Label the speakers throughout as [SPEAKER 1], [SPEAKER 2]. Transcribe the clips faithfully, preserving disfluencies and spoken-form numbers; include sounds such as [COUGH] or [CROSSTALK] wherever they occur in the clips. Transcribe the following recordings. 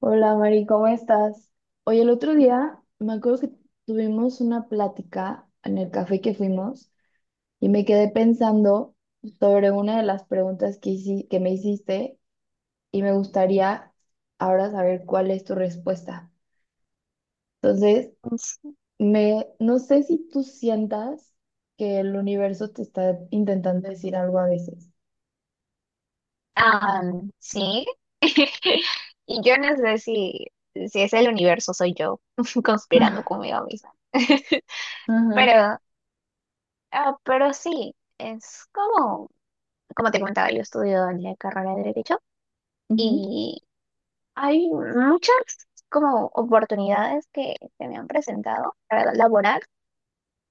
[SPEAKER 1] Hola Mari, ¿cómo estás? Oye, el otro día me acuerdo que tuvimos una plática en el café que fuimos y me quedé pensando sobre una de las preguntas que, hici- que me hiciste y me gustaría ahora saber cuál es tu respuesta. Entonces, me, no sé si tú sientas que el universo te está intentando decir algo a veces.
[SPEAKER 2] Ah, sí. [LAUGHS] Y yo no sé si, si es el universo, soy yo [LAUGHS] conspirando
[SPEAKER 1] Ah.
[SPEAKER 2] conmigo misma. [LAUGHS]
[SPEAKER 1] Ajá.
[SPEAKER 2] Pero, ah, pero sí, es como, como te comentaba, yo estudio en la carrera de Derecho
[SPEAKER 1] Ujú,
[SPEAKER 2] y hay muchas como oportunidades que se me han presentado para laborar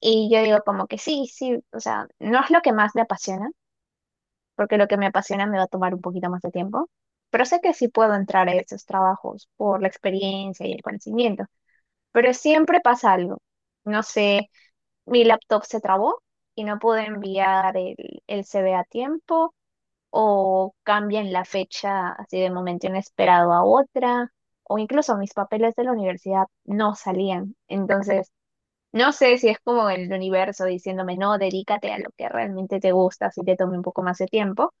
[SPEAKER 2] y yo digo como que sí, sí, o sea, no es lo que más me apasiona, porque lo que me apasiona me va a tomar un poquito más de tiempo. Pero sé que sí puedo entrar a esos trabajos por la experiencia y el conocimiento. Pero siempre pasa algo. No sé, mi laptop se trabó y no pude enviar el, el C V a tiempo, o cambian la fecha así de momento inesperado a otra, o incluso mis papeles de la universidad no salían. Entonces, no sé si es como el universo diciéndome, no, dedícate a lo que realmente te gusta, si te tome un poco más de tiempo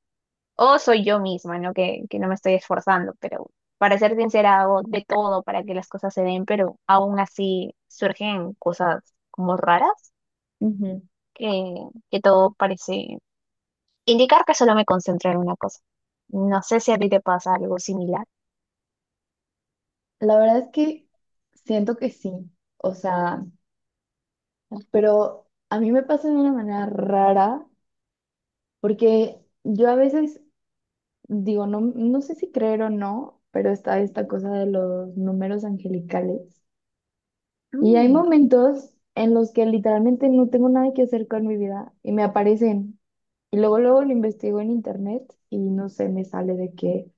[SPEAKER 2] o soy yo misma, ¿no? Que, que no me estoy esforzando, pero para ser sincera, hago de todo para que las cosas se den, pero aún así surgen cosas como raras
[SPEAKER 1] ujú.
[SPEAKER 2] que, que todo parece indicar que solo me concentro en una cosa. No sé si a ti te pasa algo similar.
[SPEAKER 1] La verdad es que siento que sí. O sea, pero a mí me pasa de una manera rara, porque yo a veces digo, no, no sé si creer o no, pero está esta cosa de los números angelicales. Y hay
[SPEAKER 2] Mm,
[SPEAKER 1] momentos en los que literalmente no tengo nada que hacer con mi vida y me aparecen. Y luego, luego lo investigo en internet y no sé, me sale de que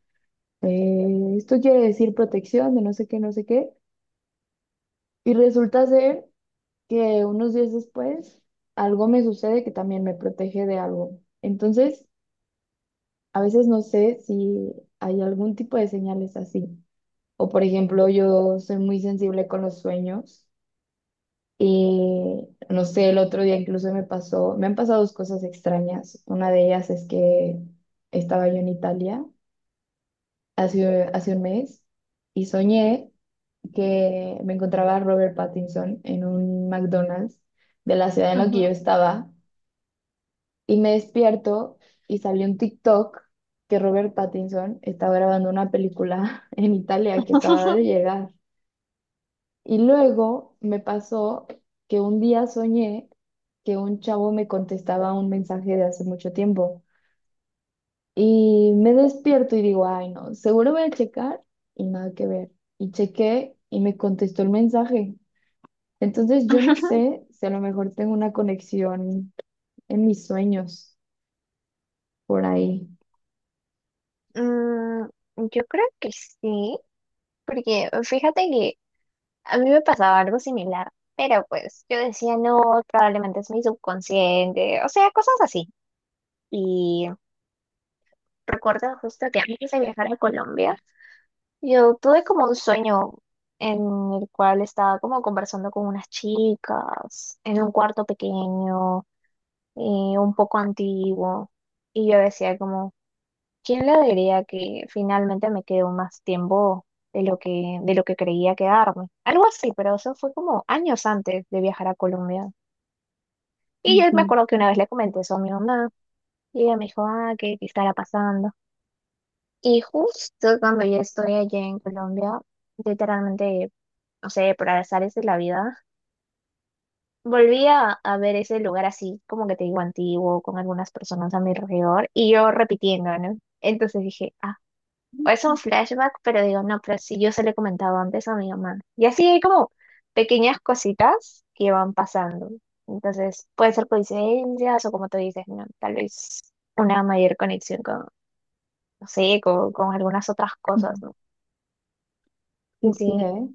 [SPEAKER 1] eh, esto quiere decir protección, de no sé qué, no sé qué. Y resulta ser que unos días después algo me sucede que también me protege de algo. Entonces, a veces no sé si hay algún tipo de señales así. O por ejemplo, yo soy muy sensible con los sueños y no sé, el otro día incluso me pasó, me han pasado dos cosas extrañas. Una de ellas es que estaba yo en Italia hace, hace un mes y soñé que me encontraba a Robert Pattinson en un McDonald's de la ciudad en la que yo estaba. Y me despierto y salió un TikTok que Robert Pattinson estaba grabando una película [LAUGHS] en Italia, que acababa
[SPEAKER 2] ujú.
[SPEAKER 1] de llegar. Y luego me pasó que un día soñé que un chavo me contestaba un mensaje de hace mucho tiempo. Y me despierto y digo, ay no, seguro voy a checar y nada que ver. Y chequé y me contestó el mensaje. Entonces yo no
[SPEAKER 2] [LAUGHS]
[SPEAKER 1] sé si a lo mejor tengo una conexión en mis sueños por ahí.
[SPEAKER 2] Mm, yo creo que sí, porque fíjate que a mí me pasaba algo similar, pero pues yo decía, no, probablemente es mi subconsciente, o sea, cosas así. Y recuerdo justo que antes de viajar a Colombia, yo tuve como un sueño en el cual estaba como conversando con unas chicas en un cuarto pequeño y un poco antiguo. Y yo decía como, ¿quién le diría que finalmente me quedó más tiempo de lo que, de lo que, creía quedarme? Algo así, pero eso fue como años antes de viajar a Colombia. Y yo me
[SPEAKER 1] Ujú.
[SPEAKER 2] acuerdo que una vez le comenté eso a mi mamá y ella me dijo, ah, ¿qué, qué estará pasando? Y justo cuando yo estoy allá en Colombia, literalmente, no sé, por azares de la vida, volví a, a ver ese lugar así, como que te digo, antiguo, con algunas personas a mi alrededor y yo repitiendo, ¿no? Entonces dije, ah. O es un flashback, pero digo, no, pero si yo se lo he comentado antes a mi mamá. Y así hay como pequeñas cositas que van pasando. Entonces, pueden ser coincidencias o como tú dices, ¿no? Tal vez una mayor conexión con, no sé, con, con algunas otras cosas,
[SPEAKER 1] Ujú.
[SPEAKER 2] ¿no?
[SPEAKER 1] Sí, sí,
[SPEAKER 2] Sí.
[SPEAKER 1] ¿eh?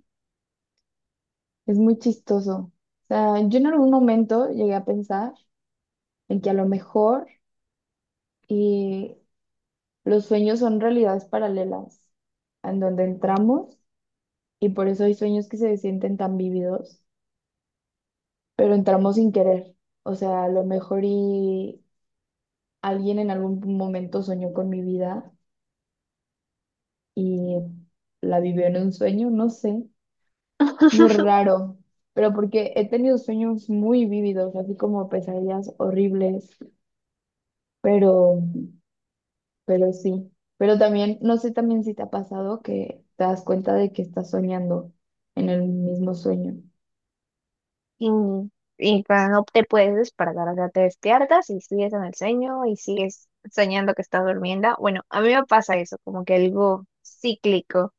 [SPEAKER 1] Es muy chistoso. O sea, yo en algún momento llegué a pensar en que a lo mejor y los sueños son realidades paralelas en donde entramos y por eso hay sueños que se sienten tan vívidos, pero entramos sin querer. O sea, a lo mejor y alguien en algún momento soñó con mi vida y la vivió en un sueño, no sé. Es muy
[SPEAKER 2] [LAUGHS]
[SPEAKER 1] raro, pero porque he tenido sueños muy vívidos, así como pesadillas horribles. Pero, pero sí, pero también, no sé también si te ha pasado que te das cuenta de que estás soñando en el mismo sueño.
[SPEAKER 2] Y, y cuando te puedes despertar, o sea, te despiertas y sigues en el sueño y sigues soñando que estás durmiendo. Bueno, a mí me pasa eso, como que algo cíclico.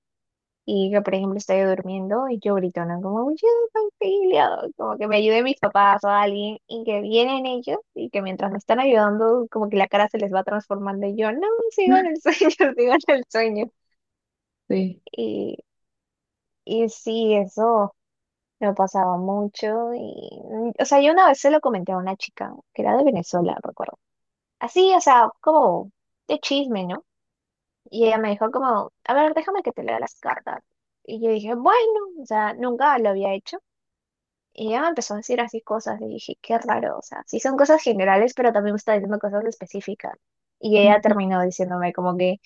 [SPEAKER 2] Y que, por ejemplo, estoy durmiendo y yo grito, ¿no? Como, "Uy, auxilio, como que me ayude mis papás o alguien, y que vienen ellos, y que mientras me están ayudando, como que la cara se les va transformando, y yo, no, sigo en el sueño, [LAUGHS] sigo en el sueño.
[SPEAKER 1] Sí.
[SPEAKER 2] Y, y sí, eso me pasaba mucho, y, mm, o sea, yo una vez se lo comenté a una chica, que era de Venezuela, recuerdo. Así, o sea, como de chisme, ¿no? Y ella me dijo como, a ver, déjame que te lea las cartas. Y yo dije, bueno, o sea, nunca lo había hecho. Y ella me empezó a decir así cosas y dije, qué raro, o sea, sí son cosas generales, pero también me está diciendo cosas específicas. Y ella
[SPEAKER 1] Ujú.
[SPEAKER 2] terminó diciéndome como que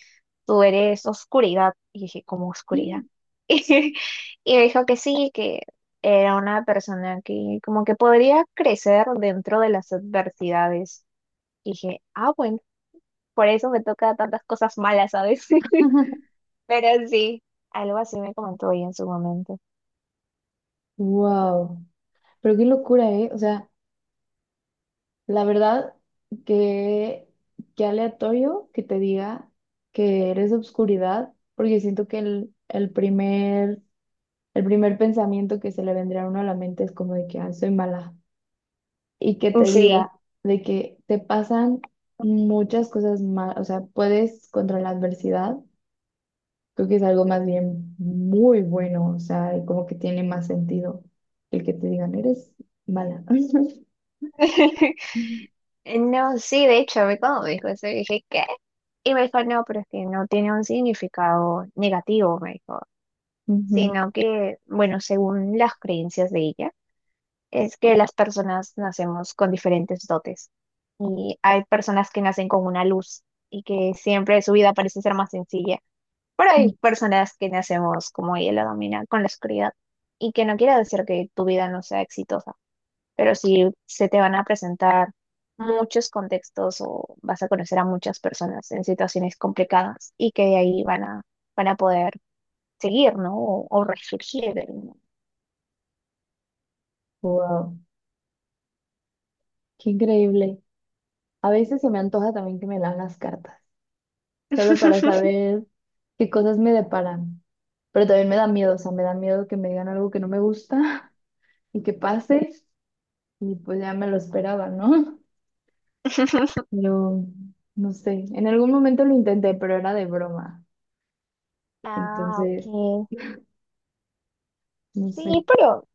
[SPEAKER 2] tú eres oscuridad. Y dije, ¿cómo oscuridad?
[SPEAKER 1] [LAUGHS]
[SPEAKER 2] [LAUGHS] Y me dijo que sí, que era una persona que como que podría crecer dentro de las adversidades. Y dije, ah, bueno, por eso me toca tantas cosas malas, ¿sabes? [LAUGHS] Pero sí, algo así me comentó ella en su momento.
[SPEAKER 1] Wow. Pero qué locura, ¿eh? O sea, la verdad, que qué aleatorio que te diga que eres obscuridad, porque siento que el, el primer, el primer pensamiento que se le vendría a uno a la mente es como de que, ah, soy mala. Y que te
[SPEAKER 2] Sí.
[SPEAKER 1] diga de que te pasan muchas cosas más, o sea, puedes contra la adversidad, creo que es algo más bien muy bueno, o sea, y como que tiene más sentido el que te digan, eres mala. [LAUGHS]
[SPEAKER 2] [LAUGHS] Eh, No, sí, de hecho, a mí cuando me dijo eso, yo dije, ¿qué? Y me dijo, no, pero es que no tiene un significado negativo, me dijo,
[SPEAKER 1] Ujú.
[SPEAKER 2] sino que, bueno, según las creencias de ella, es que las personas nacemos con diferentes dotes. Y hay personas que nacen con una luz y que siempre su vida parece ser más sencilla, pero hay personas que nacemos, como ella lo domina, con la oscuridad. Y que no quiere decir que tu vida no sea exitosa pero si se te van a presentar muchos contextos o vas a conocer a muchas personas en situaciones complicadas y que de ahí van a, van a, poder seguir, ¿no? O, o resurgir, ¿no?
[SPEAKER 1] Wow, qué increíble. A veces se me antoja también que me lean las cartas, solo para
[SPEAKER 2] [LAUGHS]
[SPEAKER 1] saber qué cosas me deparan. Pero también me da miedo, o sea, me da miedo que me digan algo que no me gusta [LAUGHS] y que pase. Y pues ya me lo esperaba, ¿no? [LAUGHS] Pero no sé, en algún momento lo intenté, pero era de broma.
[SPEAKER 2] Ah,
[SPEAKER 1] Entonces,
[SPEAKER 2] ok.
[SPEAKER 1] no sé.
[SPEAKER 2] Sí, pero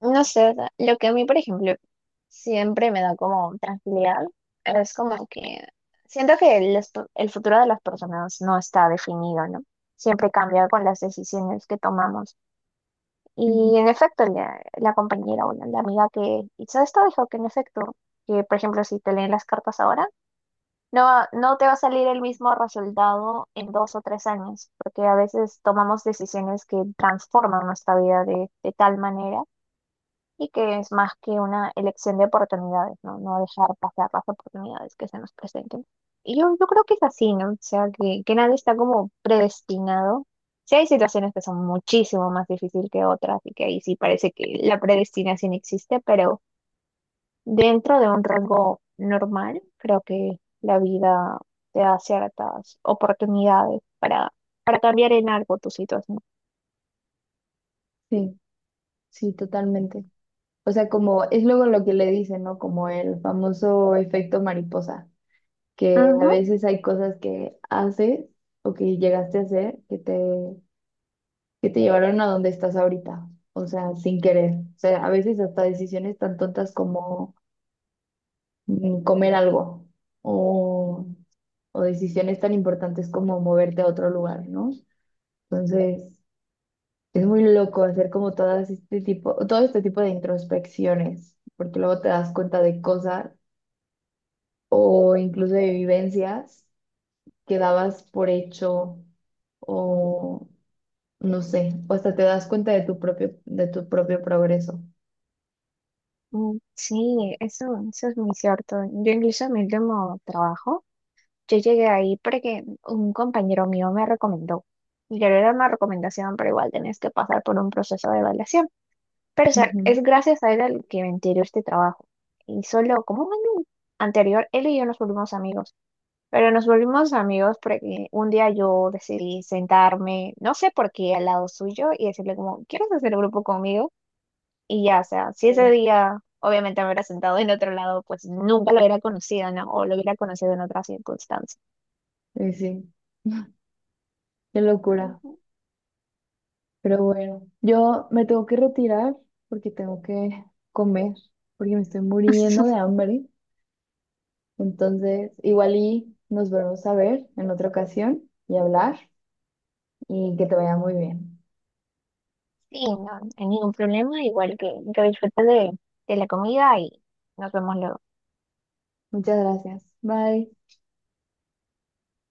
[SPEAKER 2] no sé, o sea, lo que a mí, por ejemplo, siempre me da como tranquilidad es como que siento que el, esp- el futuro de las personas no está definido, ¿no? Siempre cambia con las decisiones que tomamos.
[SPEAKER 1] Ujú.
[SPEAKER 2] Y en efecto, la, la compañera o la, la amiga que hizo esto dijo que en efecto, que por ejemplo, si te leen las cartas ahora, no, va- no te va a salir el mismo resultado en dos o tres años, porque a veces tomamos decisiones que transforman nuestra vida de, de tal manera y que es más que una elección de oportunidades, ¿no? No dejar pasar las oportunidades que se nos presenten. Y yo, yo, creo que es así, ¿no? O sea, que, que nadie está como predestinado. Sí hay situaciones que son muchísimo más difíciles que otras y que ahí sí parece que la predestinación existe, pero dentro de un rango normal, creo que la vida te da ciertas oportunidades para, para, cambiar en algo tu situación.
[SPEAKER 1] Sí, sí, totalmente. O sea, como es luego lo que le dicen, ¿no? Como el famoso efecto mariposa, que a
[SPEAKER 2] Ujú.
[SPEAKER 1] veces hay cosas que haces o que llegaste a hacer que te, que te llevaron a donde estás ahorita. O sea, sin querer. O sea, a veces hasta decisiones tan tontas como mm, comer algo o o decisiones tan importantes como moverte a otro lugar, ¿no? Entonces, es muy loco hacer como todas este tipo, todo este tipo de introspecciones, porque luego te das cuenta de cosas o incluso de vivencias que dabas por hecho o no sé, o hasta te das cuenta de tu propio, de tu propio progreso.
[SPEAKER 2] Mm, sí, eso, eso es muy cierto. Yo incluso en mi último trabajo, yo llegué ahí porque un compañero mío me recomendó. Y claro, era una recomendación, pero igual tenés que pasar por un proceso de evaluación. Pero o sea,
[SPEAKER 1] Ujú.
[SPEAKER 2] es gracias a él al que me enteró este trabajo. Y solo como un año anterior, él y yo nos volvimos amigos. Pero nos volvimos amigos porque un día yo decidí sentarme, no sé por qué, al lado suyo y decirle como, ¿quieres hacer grupo conmigo? Y ya, o sea, si ese día obviamente me hubiera sentado en otro lado, pues nunca lo hubiera conocido, ¿no? O lo hubiera conocido en otras circunstancias.
[SPEAKER 1] Sí, sí, [LAUGHS] qué locura.
[SPEAKER 2] Ujú.
[SPEAKER 1] Pero bueno, yo me tengo que retirar porque tengo que comer, porque me estoy muriendo de
[SPEAKER 2] [LAUGHS]
[SPEAKER 1] hambre. Entonces, igual y nos volvemos a ver en otra ocasión y hablar y que te vaya muy bien.
[SPEAKER 2] Sí, no, no hay ningún problema, igual que, que disfrutes de, de la comida y nos vemos luego.
[SPEAKER 1] Muchas gracias. Bye.